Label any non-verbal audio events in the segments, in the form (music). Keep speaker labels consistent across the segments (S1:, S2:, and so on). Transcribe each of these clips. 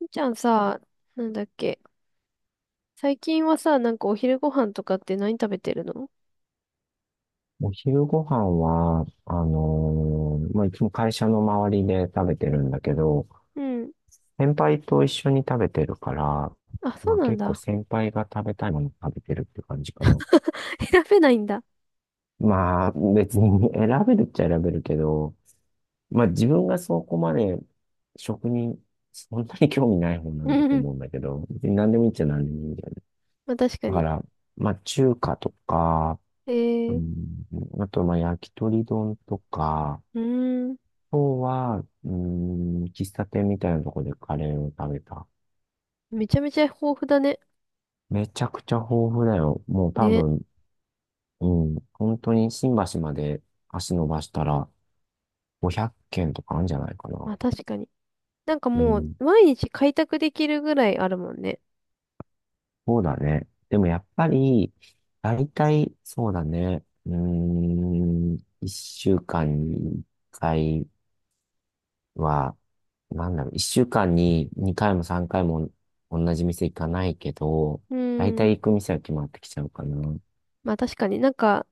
S1: みーちゃんさ、なんだっけ。最近はさ、なんかお昼ご飯とかって何食べてるの？
S2: お昼ご飯は、まあ、いつも会社の周りで食べてるんだけど、
S1: うん。
S2: 先輩と一緒に食べてるから、
S1: あ、そ
S2: ま
S1: う
S2: あ、
S1: なん
S2: 結構
S1: だ。
S2: 先輩が食べたいもの食べてるって感じかな。
S1: (laughs) 選べないんだ。
S2: まあ、別に (laughs) 選べるっちゃ選べるけど、まあ、自分がそこまで食に、そんなに興味ない方な
S1: う
S2: んだ
S1: ん
S2: と
S1: うん。
S2: 思うんだけど、別に何でもいいっちゃ何でもいいんだよね。
S1: (laughs) まあ確か
S2: だか
S1: に。
S2: ら、まあ、中華とか、
S1: え
S2: う
S1: ー、
S2: ん、あと、まあ、焼き鳥丼とか、
S1: うーん。
S2: 今日は、喫茶店みたいなとこでカレーを食べた。
S1: めちゃめちゃ豊富だね。
S2: めちゃくちゃ豊富だよ。もう多
S1: ね。
S2: 分、うん、本当に新橋まで足伸ばしたら500軒とかあるんじゃないか
S1: ま
S2: な。
S1: あ確かに。なんか
S2: う
S1: もう、
S2: ん、
S1: 毎日開拓できるぐらいあるもんね。
S2: そうだね。でもやっぱり、大体、そうだね。うーん、1週間に1回は、なんだろう、1週間に2回も3回も同じ店行かないけど、
S1: う
S2: 大
S1: ー
S2: 体行
S1: ん。
S2: く店は決まってきちゃうかな。
S1: まあ確かになんか、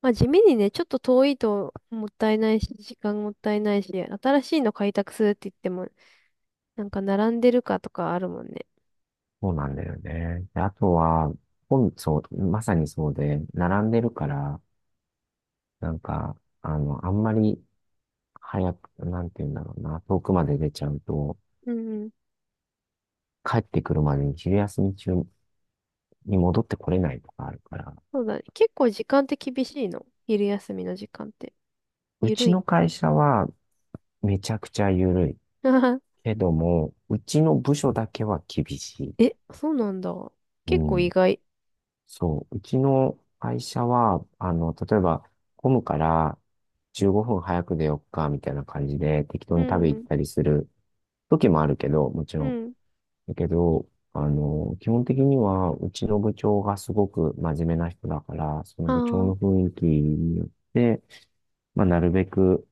S1: まあ地味にね、ちょっと遠いともったいないし、時間もったいないし、新しいの開拓するって言っても、なんか並んでるかとかあるもんね。
S2: そうなんだよね。であとは、そう、まさにそうで、並んでるから、なんか、あんまり早く、なんて言うんだろうな、遠くまで出ちゃうと、
S1: うん。
S2: 帰ってくるまでに昼休み中に戻ってこれないとかあるから、
S1: そうだね。結構時間って厳しいの？昼休みの時間って。
S2: う
S1: ゆる
S2: ち
S1: い？
S2: の会社はめちゃくちゃ緩い。
S1: (laughs)
S2: けども、うちの部署だけは厳しい。
S1: え、そうなんだ。
S2: う
S1: 結構意
S2: ん。
S1: 外。
S2: そう、うちの会社は、例えば、混むから15分早く出よっか、みたいな感じで、適当
S1: う
S2: に食べ行っ
S1: ん。
S2: たりする時もあるけど、もち
S1: う
S2: ろん。
S1: ん。
S2: だけど、基本的には、うちの部長がすごく真面目な人だから、その部長
S1: あ
S2: の雰囲気によって、まあ、なるべく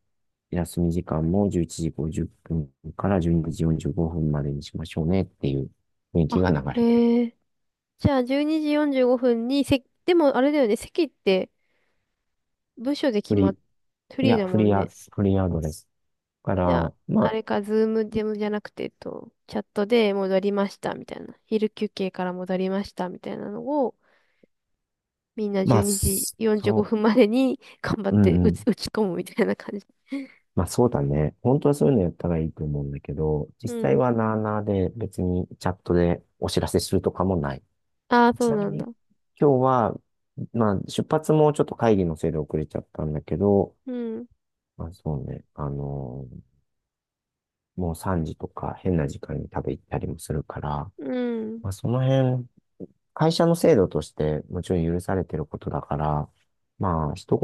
S2: 休み時間も11時50分から12時45分までにしましょうねっていう雰囲
S1: あ。
S2: 気
S1: あ、
S2: が流れてる。
S1: へえ。じゃあ、12時45分に席、でもあれだよね。席って部署で決
S2: フ
S1: ま
S2: リ
S1: っ、フ
S2: ー、い
S1: リー
S2: や、
S1: だ
S2: フ
S1: も
S2: リ
S1: ん
S2: ーア、
S1: ね。
S2: フリーアドレスか
S1: じゃあ、
S2: ら、ま
S1: あ
S2: あ、
S1: れか、ズームでもじゃなくて、チャットで戻りましたみたいな。昼休憩から戻りましたみたいなのを、みんな
S2: ま
S1: 12
S2: あ、
S1: 時45
S2: そ
S1: 分までに頑張っ
S2: う、う
S1: て
S2: んうん。
S1: 打ち込むみたいな感じ。
S2: まあそうだね。本当はそういうのやったらいいと思うんだけど、実
S1: う
S2: 際
S1: ん。
S2: はなあなあで別にチャットでお知らせするとかもない。
S1: ああ、そ
S2: ち
S1: う
S2: なみ
S1: なん
S2: に
S1: だ。
S2: 今日は、まあ出発もちょっと会議のせいで遅れちゃったんだけど、
S1: うん。
S2: まあそうね、もう3時とか変な時間に食べ行ったりもするから、
S1: うん。
S2: まあその辺会社の制度としてもちろん許されてることだから、まあ、一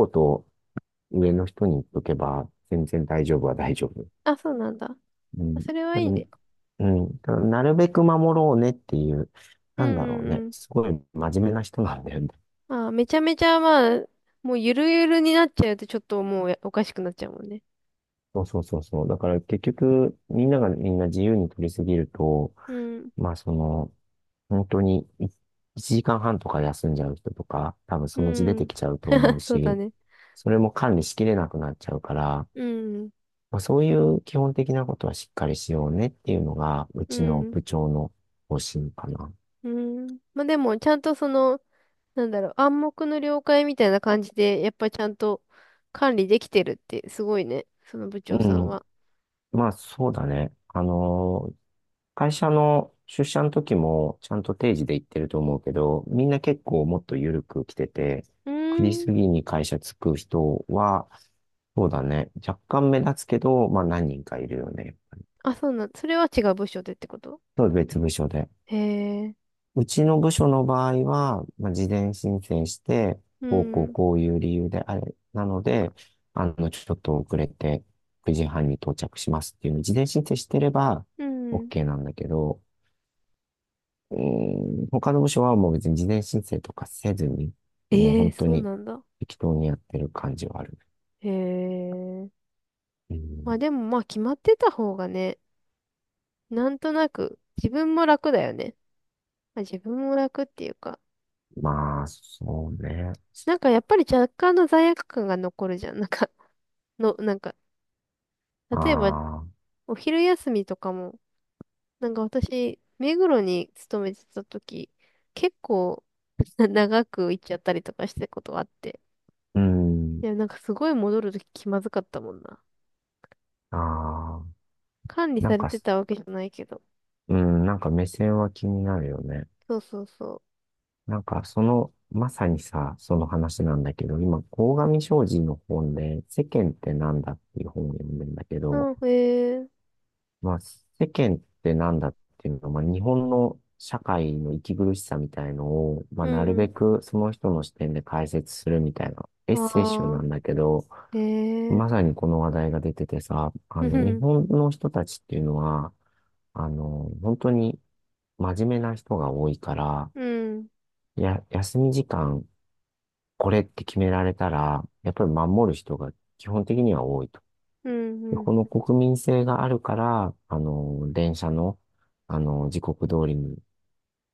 S2: 言上の人に言っとけば、全然大丈夫は大丈夫。
S1: あ、そうなんだ。
S2: う
S1: あ、
S2: ん。
S1: それは
S2: で
S1: いい
S2: も、
S1: ね。
S2: うん。ただなるべく守ろうねっていう、
S1: う
S2: なんだろ
S1: ん
S2: うね。
S1: うん
S2: すごい真面目な人なんだよね。
S1: うん。ああ、めちゃめちゃまあ、もうゆるゆるになっちゃうとちょっともうおかしくなっちゃうもんね。
S2: そうそうそうそう。だから結局、みんながみんな自由に取りすぎると、
S1: うん。
S2: まあその、本当に1時間半とか休んじゃう人とか、多分
S1: う
S2: そのうち出て
S1: ん。
S2: きちゃうと思
S1: (laughs)
S2: う
S1: そうだ
S2: し、
S1: ね。
S2: それも管理しきれなくなっちゃうから、
S1: うん。
S2: まあ、そういう基本的なことはしっかりしようねっていうのが、う
S1: う
S2: ちの
S1: ん。
S2: 部長の方針かな。
S1: うん。まあでも、ちゃんとその、なんだろう、暗黙の了解みたいな感じで、やっぱちゃんと管理できてるってすごいね。その部
S2: う
S1: 長さん
S2: ん。
S1: は。
S2: まあそうだね。会社の出社の時もちゃんと定時で行ってると思うけど、みんな結構もっと緩く来てて、
S1: うー
S2: 9時
S1: ん。
S2: 過ぎに会社着く人は、そうだね、若干目立つけど、まあ何人かいるよね。
S1: あ、そうなん、それは違う部署でってこと？
S2: そう別部署で。
S1: へえ。
S2: うちの部署の場合は、まあ、事前申請して、
S1: う
S2: こうこう
S1: ん。
S2: こういう理由であれ、なので、ちょっと遅れて9時半に到着しますっていうのを事前申請してれば
S1: うん。
S2: OK なんだけど、うーん、他の部署はもう別に事前申請とかせずに、もう
S1: ええ、
S2: 本当
S1: そう
S2: に
S1: なんだ。
S2: 適当にやってる感じはある。
S1: へえ。
S2: う
S1: まあ
S2: ん、
S1: でもまあ決まってた方がね、なんとなく自分も楽だよね。まあ、自分も楽っていうか、
S2: まあ、そうね。
S1: なんかやっぱり若干の罪悪感が残るじゃん。なんか、(laughs) の、なんか、
S2: あ
S1: 例えば
S2: あ、
S1: お昼休みとかも、なんか私、目黒に勤めてた時、結構 (laughs) 長く行っちゃったりとかしてたことがあって。
S2: うん、
S1: いや、なんかすごい戻るとき気まずかったもんな。
S2: ああ、
S1: 管理
S2: なん
S1: され
S2: か、
S1: てたわけじゃないけど。
S2: うん、なんか目線は気になるよね。
S1: そうそうそう。
S2: なんかその、まさにさ、その話なんだけど、今、鴻上尚史の本で、世間ってなんだっていう本を読んでんだけど、
S1: うん、へえ、
S2: まあ、世間ってなんだっていうのは、まあ、日本の社会の息苦しさみたいのを、ま
S1: う
S2: あ、なるべ
S1: ん、
S2: くその人の視点で解説するみたいなエッセイ集な
S1: ああ、
S2: んだけど、
S1: へえ、
S2: まさにこの話題が出ててさ、
S1: う
S2: 日
S1: ん、
S2: 本の人たちっていうのは、本当に真面目な人が多いから、
S1: うん、
S2: いや、休み時間、これって決められたら、やっぱり守る人が基本的には多いと。
S1: うん、
S2: で、
S1: う
S2: こ
S1: ん、
S2: の国民性があるから、電車の、時刻通りに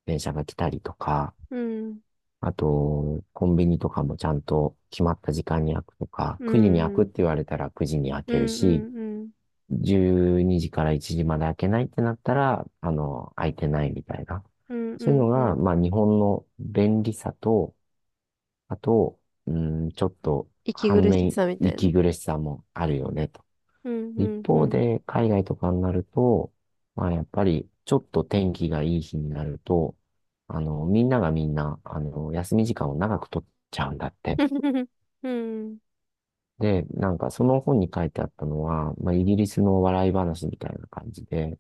S2: 電車が来たりとか、
S1: うん、
S2: あと、コンビニとかもちゃんと決まった時間に開くとか、
S1: う
S2: 9時に開くっ
S1: ん、
S2: て言われたら9時に開
S1: う
S2: ける
S1: ん、う
S2: し、
S1: ん、うん、
S2: 12時から1時まで開けないってなったら、開いてないみたいな。
S1: うん、う
S2: そういうの
S1: ん。う
S2: が、
S1: ん
S2: まあ、日本の便利さと、あと、うん、ちょっと、
S1: 息
S2: 反
S1: 苦し
S2: 面、
S1: さみたいな。
S2: 息苦しさもあるよね。
S1: うん、う
S2: 一
S1: ん、う
S2: 方
S1: ん、
S2: で、海外とかになると、まあやっぱり、ちょっと天気がいい日になると、みんながみんな、休み時間を長く取っちゃうんだって。
S1: (laughs) うん、
S2: で、なんかその本に書いてあったのは、まあイギリスの笑い話みたいな感じで、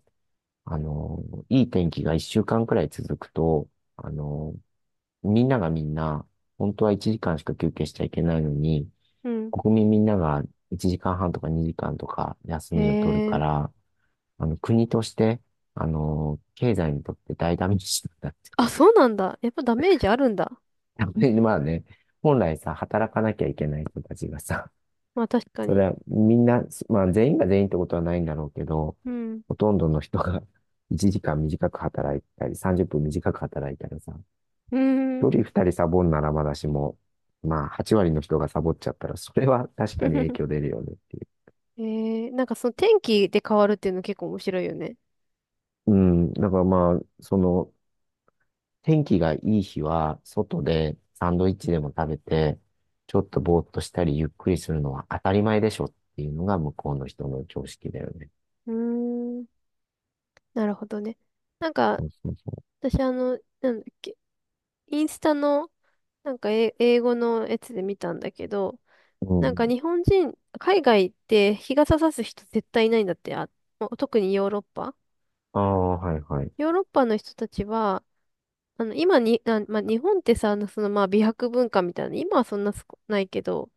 S2: あの、いい天気が一週間くらい続くと、あの、みんながみんな、本当は1時間しか休憩しちゃいけないのに、
S1: (laughs) うん、
S2: 国民みんなが1時間半とか2時間とか休
S1: へ
S2: みを取るか
S1: え、
S2: ら、国として、経済にとって大ダメージなんだって。
S1: あ、そうなんだ。やっぱダメージあるんだ。
S2: (laughs) やっぱりまあね、本来さ、働かなきゃいけない人たちがさ、
S1: まあ確か
S2: それ
S1: に。
S2: はみんな、まあ全員が全員ってことはないんだろうけど、
S1: うん、
S2: ほとんどの人が (laughs) 1時間短く働いたり、30分短く働いたらさ、
S1: う
S2: 1
S1: ん、
S2: 人2人サボんならまだしも、まあ8割の人がサボっちゃったら、それは確かに影響出
S1: (laughs)
S2: るよねっていう。
S1: へ。なんかその天気で変わるっていうの結構面白いよね。
S2: うん、だからまあ、その、天気がいい日は、外でサンドイッチでも食べて、ちょっとぼーっとしたりゆっくりするのは当たり前でしょっていうのが向こうの人の常識だよね。
S1: うーん、なるほどね。なんか、
S2: そうそうそ
S1: 私あの、なんだっけ、インスタの、なんか英語のやつで見たんだけど、
S2: う。う
S1: なんか
S2: ん。
S1: 日本人、海外って日傘さす人絶対いないんだって。あ、もう特にヨーロッパ。
S2: ああ、はいはい。
S1: ヨーロッパの人たちは、あ、まあ、日本ってさ、まあ美白文化みたいな、今はそんなすこないけど、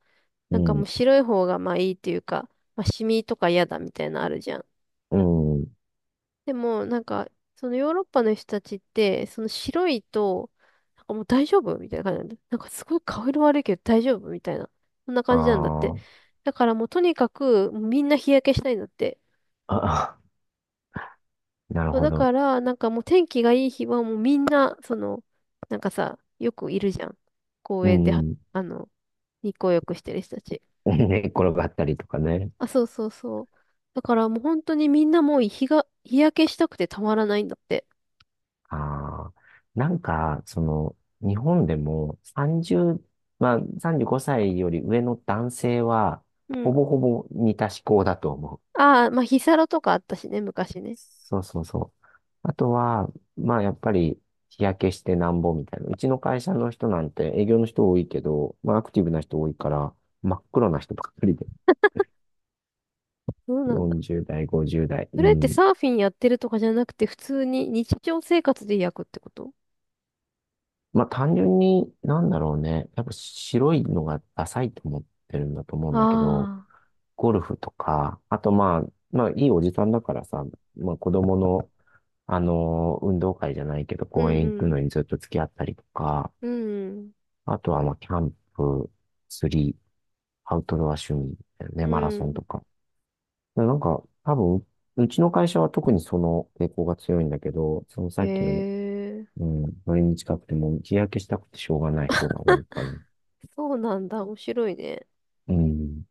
S2: う
S1: なんかもう
S2: ん、
S1: 白い方がまあいいっていうか、まあシミとか嫌だみたいなのあるじゃん。
S2: うん、
S1: でも、なんか、そのヨーロッパの人たちって、その白いと、なんかもう大丈夫みたいな感じなんだ。なんかすごい顔色悪いけど大丈夫みたいな。そんな
S2: あ
S1: 感じなんだって。
S2: ー
S1: だからもうとにかく、もうみんな日焼けしたいんだって。
S2: (laughs) あ、なる
S1: そう
S2: ほ
S1: だ
S2: ど。
S1: から、なんかもう天気がいい日はもうみんな、なんかさ、よくいるじゃん。公
S2: う
S1: 園では、
S2: ん、
S1: あ
S2: (laughs)
S1: の、日光浴してる人たち。
S2: 寝っ転がったりとかね。
S1: あ、そうそうそう。だからもう本当にみんなもう日焼けしたくてたまらないんだって。
S2: ああ、なんか、その、日本でも30、まあ、35歳より上の男性は、
S1: う
S2: ほ
S1: ん。
S2: ぼほぼ似た思考だと思う。
S1: ああ、まあ、ヒサロとかあったしね、昔ね。
S2: そうそうそう。あとは、まあ、やっぱり、日焼けしてなんぼみたいな。うちの会社の人なんて営業の人多いけど、まあ、アクティブな人多いから、真っ黒な人ばっかりで。
S1: そうなんだ。
S2: 40代、50代。う
S1: それって
S2: ん。
S1: サーフィンやってるとかじゃなくて、普通に日常生活で焼くってこと？
S2: まあ単純に、なんだろうね。やっぱ白いのがダサいと思ってるんだと思うんだけど、
S1: あ
S2: ゴルフとか、あとまあ、まあいいおじさんだからさ、まあ子供の、運動会じゃないけど、
S1: あー、う
S2: 公
S1: ん
S2: 園行
S1: う
S2: く
S1: ん。
S2: のにずっと付き合ったりとか、
S1: うん
S2: あとはまあキャンプ、釣り、アウトドア趣味だよ
S1: う
S2: ね、マラソン
S1: ん。
S2: とか。でなんか、多分、うちの会社は特にその傾向が強いんだけど、その
S1: へ
S2: さっきの
S1: え、
S2: うん、それに近くてもう日焼けしたくてしょうがない人が多いから。
S1: そうなんだ。面白いね。
S2: うん。